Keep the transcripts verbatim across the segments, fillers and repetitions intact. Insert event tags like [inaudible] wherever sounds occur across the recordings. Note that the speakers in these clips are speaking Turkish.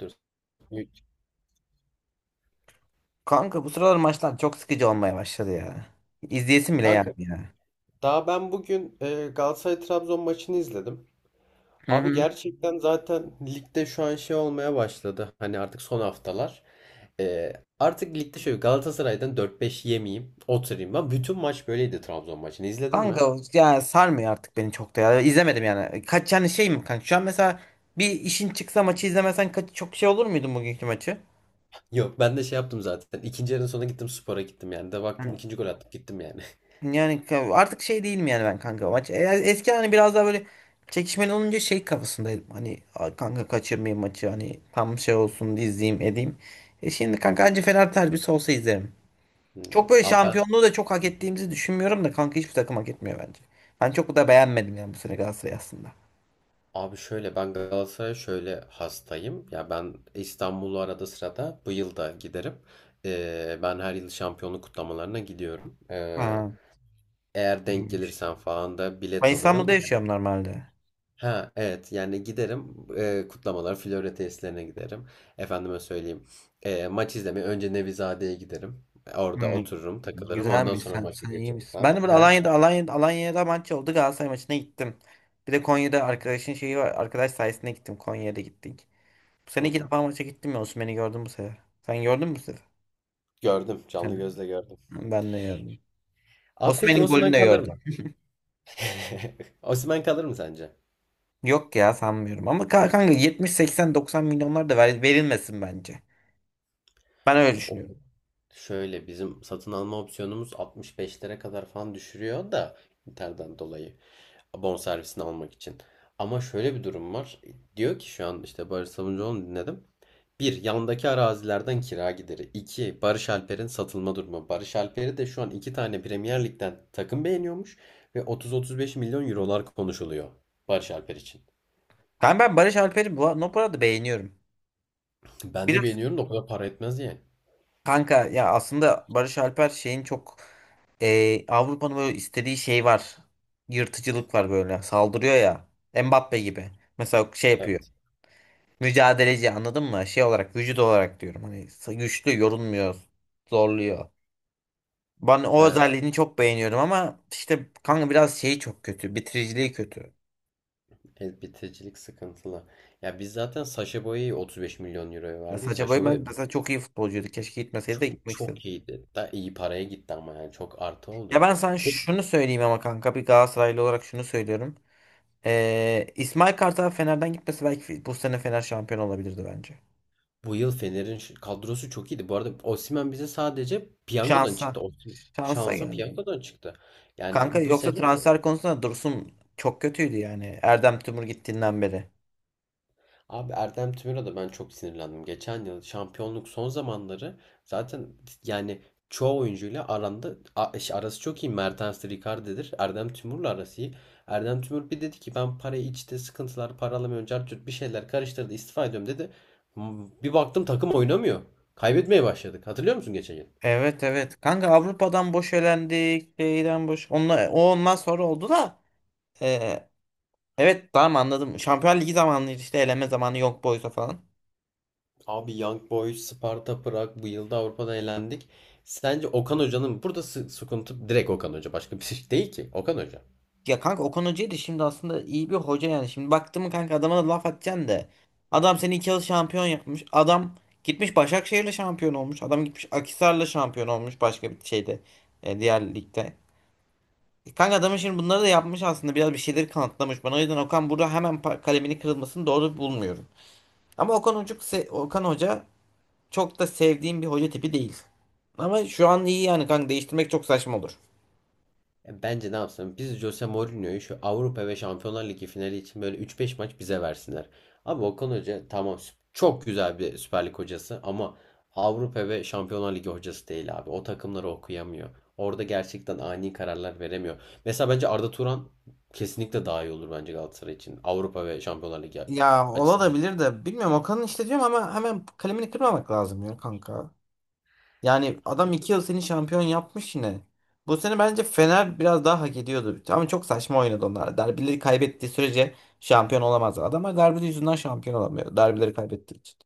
Dur. Kanka bu sıralar maçlar çok sıkıcı olmaya başladı ya. İzleyesim bile Kanka, gelmiyor ya. daha ben bugün e, Galatasaray Trabzon maçını izledim. Hı Abi, hı. gerçekten zaten ligde şu an şey olmaya başladı. Hani artık son haftalar. E, artık ligde şöyle Galatasaray'dan dört beş yemeyeyim, oturayım. Ben bütün maç böyleydi Trabzon maçını. İzledin mi? Kanka yani sarmıyor artık beni çok da ya. İzlemedim yani. Kaç yani şey mi kanka? Şu an mesela bir işin çıksa maçı izlemesen kaç çok şey olur muydun bugünkü maçı? Yok, ben de şey yaptım zaten. İkinci yarının sonuna gittim, spora gittim yani. De baktım Hı. ikinci gol attım, gittim yani. [laughs] Yani ka- artık şey değilim yani ben kanka maç. E, Eski hani biraz daha böyle çekişmeli olunca şey kafasındaydım. Hani "Aa, kanka kaçırmayayım maçı hani tam şey olsun izleyeyim edeyim." E şimdi kanka anca Fener derbisi olsa izlerim. Hmm. Çok böyle Abi ben şampiyonluğu da çok hak ettiğimizi düşünmüyorum da kanka hiçbir takım hak etmiyor bence. Ben çok da beğenmedim yani bu sene Galatasaray aslında. Abi, şöyle ben Galatasaray'a şöyle hastayım. Ya ben İstanbul'u arada sırada bu yıl da giderim. Ee, ben her yıl şampiyonluk kutlamalarına gidiyorum. Ee, Ha, eğer denk iyiymiş. gelirsen falan da Ben bilet İstanbul'da alırım. yaşıyorum normalde. Ha, evet, yani giderim. Ee, kutlamalar Florya tesislerine giderim. Efendime söyleyeyim, ee, maç izlemeye önce Nevizade'ye giderim. Orada Hmm, otururum, takılırım, ondan güzelmiş. sonra Sen, maça sen iyi geçerim misin? falan. Ben de böyle [laughs] Alanya'da Alanya'da, Alanya'da maç oldu, Galatasaray maçına gittim. Bir de Konya'da arkadaşın şeyi var. Arkadaş sayesinde gittim. Konya'ya da gittik. Bu Hı sene iki hı. defa maça gittim ya. Osimhen'i gördüm bu sefer. Sen gördün mü bu sefer? Gördüm, canlı Sen- gözle gördüm. Ben de gördüm. Abi, peki Osimhen'in Osimhen golünü de kalır mı? gördüm. [laughs] Osimhen kalır mı sence? Yok ya sanmıyorum. Ama ka- kanka yetmiş, seksen, doksan milyonlar da ver- verilmesin bence. Ben öyle Ya o düşünüyorum. şöyle, bizim satın alma opsiyonumuz altmış beş lira kadar falan düşürüyor da Inter'den dolayı abon servisini almak için. Ama şöyle bir durum var. Diyor ki şu an işte Barış Sabuncuoğlu'nu dinledim. Bir, yandaki arazilerden kira gideri. İki, Barış Alper'in satılma durumu. Barış Alper'i de şu an iki tane Premier Lig'den takım beğeniyormuş ve otuz otuz beş milyon eurolar konuşuluyor Barış Alper için. Ben, ben Barış Alper'i bu, bu arada beğeniyorum. Ben de Biraz beğeniyorum da o kadar para etmez yani. kanka ya aslında Barış Alper şeyin çok e, Avrupa'nın böyle istediği şey var. Yırtıcılık var böyle. Saldırıyor ya. Mbappe gibi. Mesela şey yapıyor. Mücadeleci, anladın mı? Şey olarak, vücut olarak diyorum. Hani güçlü, yorulmuyor. Zorluyor. Ben o Evet. özelliğini çok beğeniyorum ama işte kanka biraz şeyi çok kötü. Bitiriciliği kötü. Evet, bitiricilik sıkıntılı. Ya biz zaten Sacha Boey'i otuz beş milyon euroya Ya verdik. Sacha Boey Sacha ben Boey mesela çok iyi futbolcuydu. Keşke gitmeseydi de çok gitmek istedim. çok iyiydi. Da iyi paraya gitti ama yani çok artı Ya oldu. ben sana Peki, şunu söyleyeyim ama kanka, bir Galatasaraylı olarak şunu söylüyorum. Ee, İsmail Kartal Fener'den gitmesi belki bu sene Fener şampiyon olabilirdi bence. bu yıl Fener'in şu- kadrosu çok iyiydi. Bu arada Osimhen bize sadece piyangodan Şansa. çıktı. Osim Şansa şansa geldi. piyangodan çıktı. Yani, Kanka bu yoksa sene transfer konusunda Dursun çok kötüydü yani. Erdem Tümur gittiğinden beri. Abi Erdem Tümer'e de ben çok sinirlendim. Geçen yıl şampiyonluk son zamanları zaten yani çoğu oyuncuyla aranda a- şey, arası çok iyi. Mertens Ricarde'dir. Erdem Tümur'la arası iyi. Erdem Tümur bir dedi ki ben parayı içte sıkıntılar, para alamıyorum, cart curt bir şeyler karıştırdı, istifa ediyorum dedi. M- Bir baktım takım oynamıyor. Kaybetmeye başladık. Hatırlıyor musun geçen yıl? Evet, evet. Kanka Avrupa'dan boş elendik. Şeyden boş. Onunla, o ondan sonra oldu da. ee, evet, tamam, anladım. Şampiyonlar Ligi zamanıydı işte, eleme zamanı, yok boysa falan. Abi Young Boys, Sparta Prag bu yılda Avrupa'da elendik. Sence Okan Hoca'nın burada sı- sıkıntı direkt Okan Hoca, başka bir şey değil ki. Okan Hoca. Ya kanka Okan Hoca'yı da şimdi aslında iyi bir hoca yani. Şimdi baktım kanka, adama da laf atacaksın da. Adam seni iki yıl şampiyon yapmış. Adam gitmiş Başakşehir'le şampiyon olmuş. Adam gitmiş Akhisar'la şampiyon olmuş başka bir şeyde. E, diğer ligde. E, Kanka adamın şimdi bunları da yapmış aslında. Biraz bir şeyleri kanıtlamış bana. O yüzden Okan burada hemen pa- kalemini kırılmasını doğru bulmuyorum. Ama Okan Hoca, Okan Hoca çok da sevdiğim bir hoca tipi değil. Ama şu an iyi yani kanka, değiştirmek çok saçma olur. Ya bence ne yapsın? Biz Jose Mourinho'yu şu Avrupa ve Şampiyonlar Ligi finali için böyle üç beş maç bize versinler. Abi Okan Hoca tamam, sü- çok güzel bir Süper Lig hocası ama Avrupa ve Şampiyonlar Ligi hocası değil abi. O takımları okuyamıyor. Orada gerçekten ani kararlar veremiyor. Mesela bence Arda Turan kesinlikle daha iyi olur bence Galatasaray için. Avrupa ve Şampiyonlar Ligi Ya açısından. olabilir de, bilmiyorum, Okan'ın işte diyorum ama hemen kalemini kırmamak lazım ya kanka. Yani adam iki yıl seni şampiyon yapmış yine. Bu sene bence Fener biraz daha hak ediyordu. Ama çok saçma oynadı onlar. Derbileri kaybettiği sürece şampiyon olamaz. Adamlar derbi yüzünden şampiyon olamıyor. Derbileri kaybettiği için.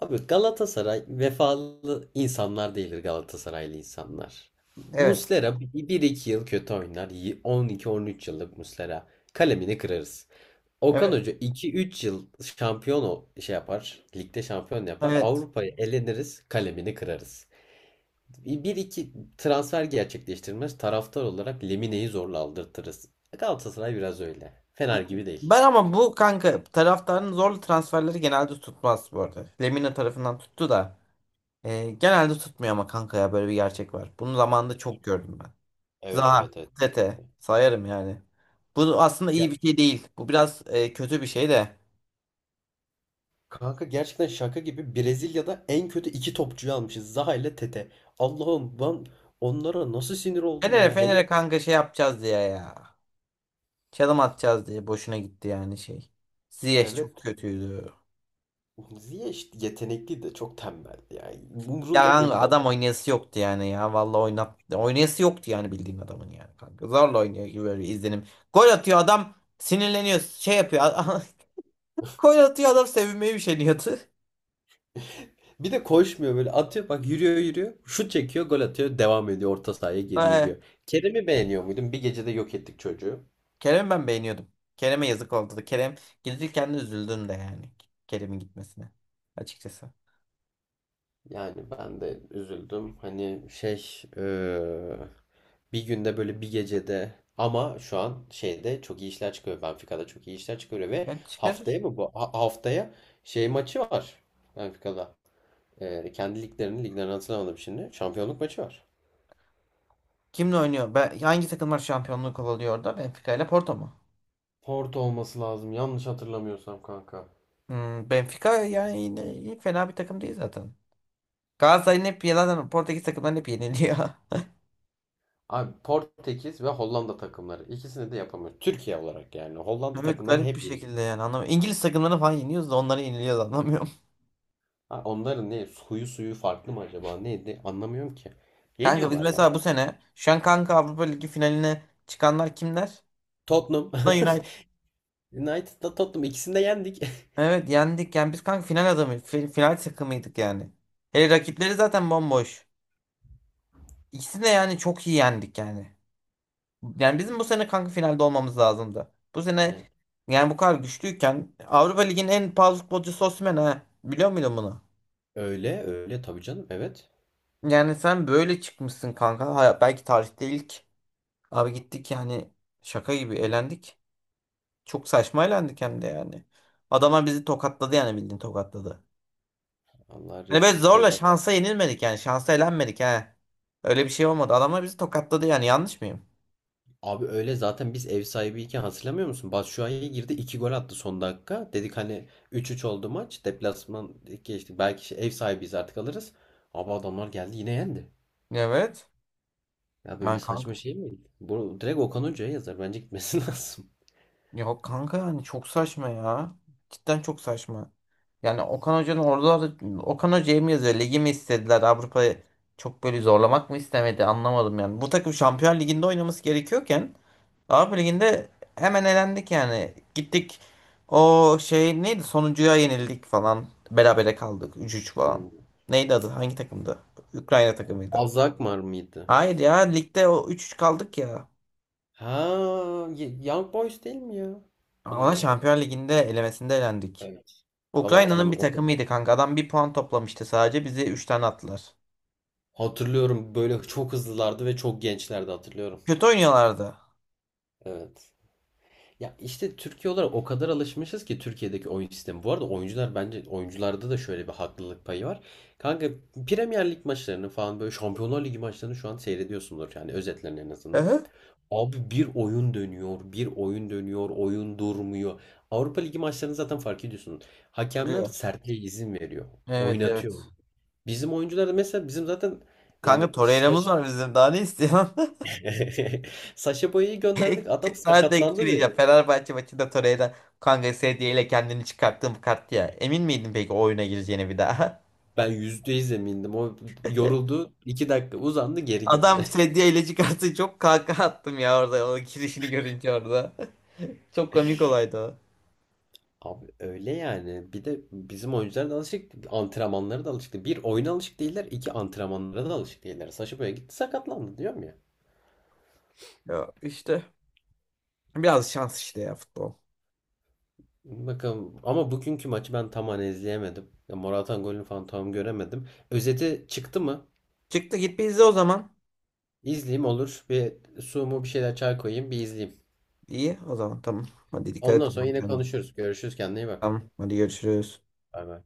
Abi Galatasaray vefalı insanlar değildir, Galatasaraylı insanlar. Evet. Muslera bir iki yıl kötü oynar. Y- on iki on üç yıllık Muslera. Kalemini kırarız. Okan Evet. Hoca iki üç yıl şampiyon o şey yapar. Ligde şampiyon yapar. Evet. Avrupa'ya eleniriz. Kalemini kırarız. Bir iki transfer gerçekleştirmez. Taraftar olarak Lemine'yi zorla aldırtırız. Galatasaray biraz öyle. Fener gibi değil. Ben ama bu kanka taraftarın zorlu transferleri genelde tutmaz bu arada. Lemina tarafından tuttu da. E, genelde tutmuyor ama kanka ya, böyle bir gerçek var. Bunu zamanında çok gördüm. Evet, Zaha, evet, evet. Tete Kesinlikle. sayarım yani. Bu aslında iyi bir şey değil. Bu biraz e, kötü bir şey de. Kanka, gerçekten şaka gibi, Brezilya'da en kötü iki topçuyu almışız. Zaha ile Tete. Allah'ım, ben onlara nasıl sinir oldum Fener'e ya. Fener'e Hele kanka şey yapacağız diye ya. Çalım atacağız diye boşuna gitti yani şey. Ziyech evet, çok kötüydü. Ziyech yetenekli de çok tembeldi yani. Ya Umrunda kanka değildi adam adam. oynayası yoktu yani ya. Vallahi oynat oynayası yoktu yani, bildiğin adamın yani kanka. Zorla oynuyor gibi böyle izlenim. Gol atıyor adam sinirleniyor şey yapıyor. [laughs] Gol atıyor adam sevinmeye bir şey. [laughs] Bir de koşmuyor, böyle atıyor bak, yürüyor yürüyor. Şut çekiyor, gol atıyor, devam ediyor, orta sahaya geri yürüyor. Kerem'i beğeniyor muydun? Bir gecede yok ettik çocuğu. Kerem'i ben beğeniyordum. Kerem'e yazık oldu da. Kerem gidilirken de üzüldüm de yani. Kerem'in gitmesine. Açıkçası. Yani ben de üzüldüm. Hani, şey, eee, bir günde, böyle bir gecede, ama şu an şeyde çok iyi işler çıkıyor. Benfica'da çok iyi işler çıkıyor ve Ben haftaya çıkarır. mı bu? Ha- haftaya şey maçı var Benfica'da. Eee kendi liglerinin liglerini hatırlamadım şimdi. Şampiyonluk maçı var. Kimle oynuyor? Ben, hangi takımlar şampiyonluğu kovalıyor orada? Benfica ile Porto mu? Porto olması lazım. Yanlış hatırlamıyorsam kanka. Hmm, Benfica yani yine iyi, fena bir takım değil zaten. Galatasaray'ın hep yalan, Portekiz takımlarını hep yeniliyor. [laughs] Abi Portekiz ve Hollanda takımları. İkisini de yapamıyor. Türkiye olarak yani. Hollanda Evet, takımlarını garip bir hep yendik. şekilde yani anlamıyorum. İngiliz takımlarını falan yeniyoruz da onları yeniliyoruz, anlamıyorum. Ha, onların ne? Suyu suyu farklı mı acaba? Neydi? Anlamıyorum ki. [laughs] Kanka biz Yeniyorlar ya. mesela bu sene şu an kanka Avrupa Ligi finaline çıkanlar kimler? Tottenham. Da United. [laughs] United'da Tottenham. İkisini de yendik. [laughs] Evet, yendik. Yani biz kanka final adamı, fi- final takımıydık yani. Hele rakipleri zaten bomboş. İkisini de yani çok iyi yendik yani. Yani bizim bu sene kanka finalde olmamız lazımdı. Bu sene Ne? yani bu kadar güçlüyken Avrupa Ligi'nin en pahalı futbolcusu Osimhen ha. Biliyor muydun bunu? Öyle öyle tabii canım. Evet. Yani sen böyle çıkmışsın kanka. Ha, belki tarihte ilk. Abi gittik yani şaka gibi elendik. Çok saçma elendik hem de yani. Adamlar bizi tokatladı yani, bildiğin tokatladı. Allah Hani rezil böyle zorla rüsva. şansa yenilmedik yani. Şansa elenmedik ha. Öyle bir şey olmadı. Adamlar bizi tokatladı yani. Yanlış mıyım? Abi öyle zaten, biz ev sahibiyken hatırlamıyor musun? Batshuayi girdi, iki gol attı son dakika. Dedik hani üç üç oldu maç. Deplasman geçtik. Belki şey- ev sahibiyiz, artık alırız. Abi adamlar geldi yine yendi. Evet. Ya böyle Yani kanka. saçma şey mi? Bu direkt Okan Hoca'ya yazar. Bence gitmesi [laughs] lazım. Yok kanka, yani çok saçma ya. Cidden çok saçma. Yani Okan Hoca'nın orada Okan Hoca'ya mı yazıyor? Ligi mi istediler? Avrupa'yı çok böyle zorlamak mı istemedi? Anlamadım yani. Bu takım Şampiyon Ligi'nde oynaması gerekiyorken Avrupa Ligi'nde hemen elendik yani. Gittik, o şey neydi, sonuncuya yenildik falan. Berabere kaldık, üç üç falan. Hmm. Neydi adı? Hangi takımdı? Ukrayna takımıydı. Azakmar mıydı? Hayır ya, ligde o üç üç kaldık ya. Ha, Ye- Young Boys değil mi ya? O da Ona değil. Şampiyonlar Ligi'nde elemesinde elendik. Evet. Vallahi Ukrayna'nın bir hatırlamıyorum. takımıydı kanka. Adam bir puan toplamıştı sadece. Bizi üç tane attılar. Hatırlıyorum, böyle çok hızlılardı ve çok gençlerdi, hatırlıyorum. Kötü oynuyorlardı. Evet. Ya işte Türkiye olarak o kadar alışmışız ki Türkiye'deki oyun sistemi. Bu arada oyuncular bence, oyuncularda da şöyle bir haklılık payı var. Kanka, Premier Lig maçlarını falan, böyle Şampiyonlar Ligi maçlarını şu an seyrediyorsundur yani, özetlerini en Hı azından. hı. Abi bir oyun dönüyor, bir oyun dönüyor, oyun durmuyor. Avrupa Ligi maçlarını zaten fark ediyorsunuz. Hakemler Duruyor. sertliğe izin veriyor, Evet, oynatıyor. evet. Bizim oyuncular da mesela, bizim zaten yani Kanka Torreira'mız saç... var bizim. Daha ne istiyor? [laughs] [laughs] Saşa Boya'yı gönderdik, Ek- adam Sana tek bir şey sakatlandı. diyeceğim. Fenerbahçe maçında Torreira kanka sedye ile kendini çıkarttığım kart ya. Emin miydin peki o oyuna gireceğine bir daha? [laughs] Ben yüzde yüz emindim. O yoruldu. iki dakika uzandı, geri Adam gitti. [laughs] sedye ile çıkarttı, çok kaka attım ya orada, o girişini görünce orada. [laughs] Çok komik olaydı o. Abi öyle yani. Bir de bizim oyuncular da alışık değil. Antrenmanlara da alışık değil. Bir oyuna alışık değiller. İki antrenmanlara da alışık değiller. Saşa böyle gitti sakatlandı diyorum ya. Ya işte biraz şans işte ya, futbol. Bakalım. Ama bugünkü maçı ben tam hani izleyemedim. Ya Morata'nın golünü falan tam göremedim. Özeti çıktı mı? Çıktı, git bir izle o zaman. İzleyeyim, olur. Bir su mu, bir şeyler, çay koyayım, bir izleyeyim. İyi, o zaman tamam. Hadi, dikkat et Ondan o sonra zaman yine kendine. konuşuruz. Görüşürüz. Kendine iyi bak. Tamam, hadi görüşürüz. Bay bay.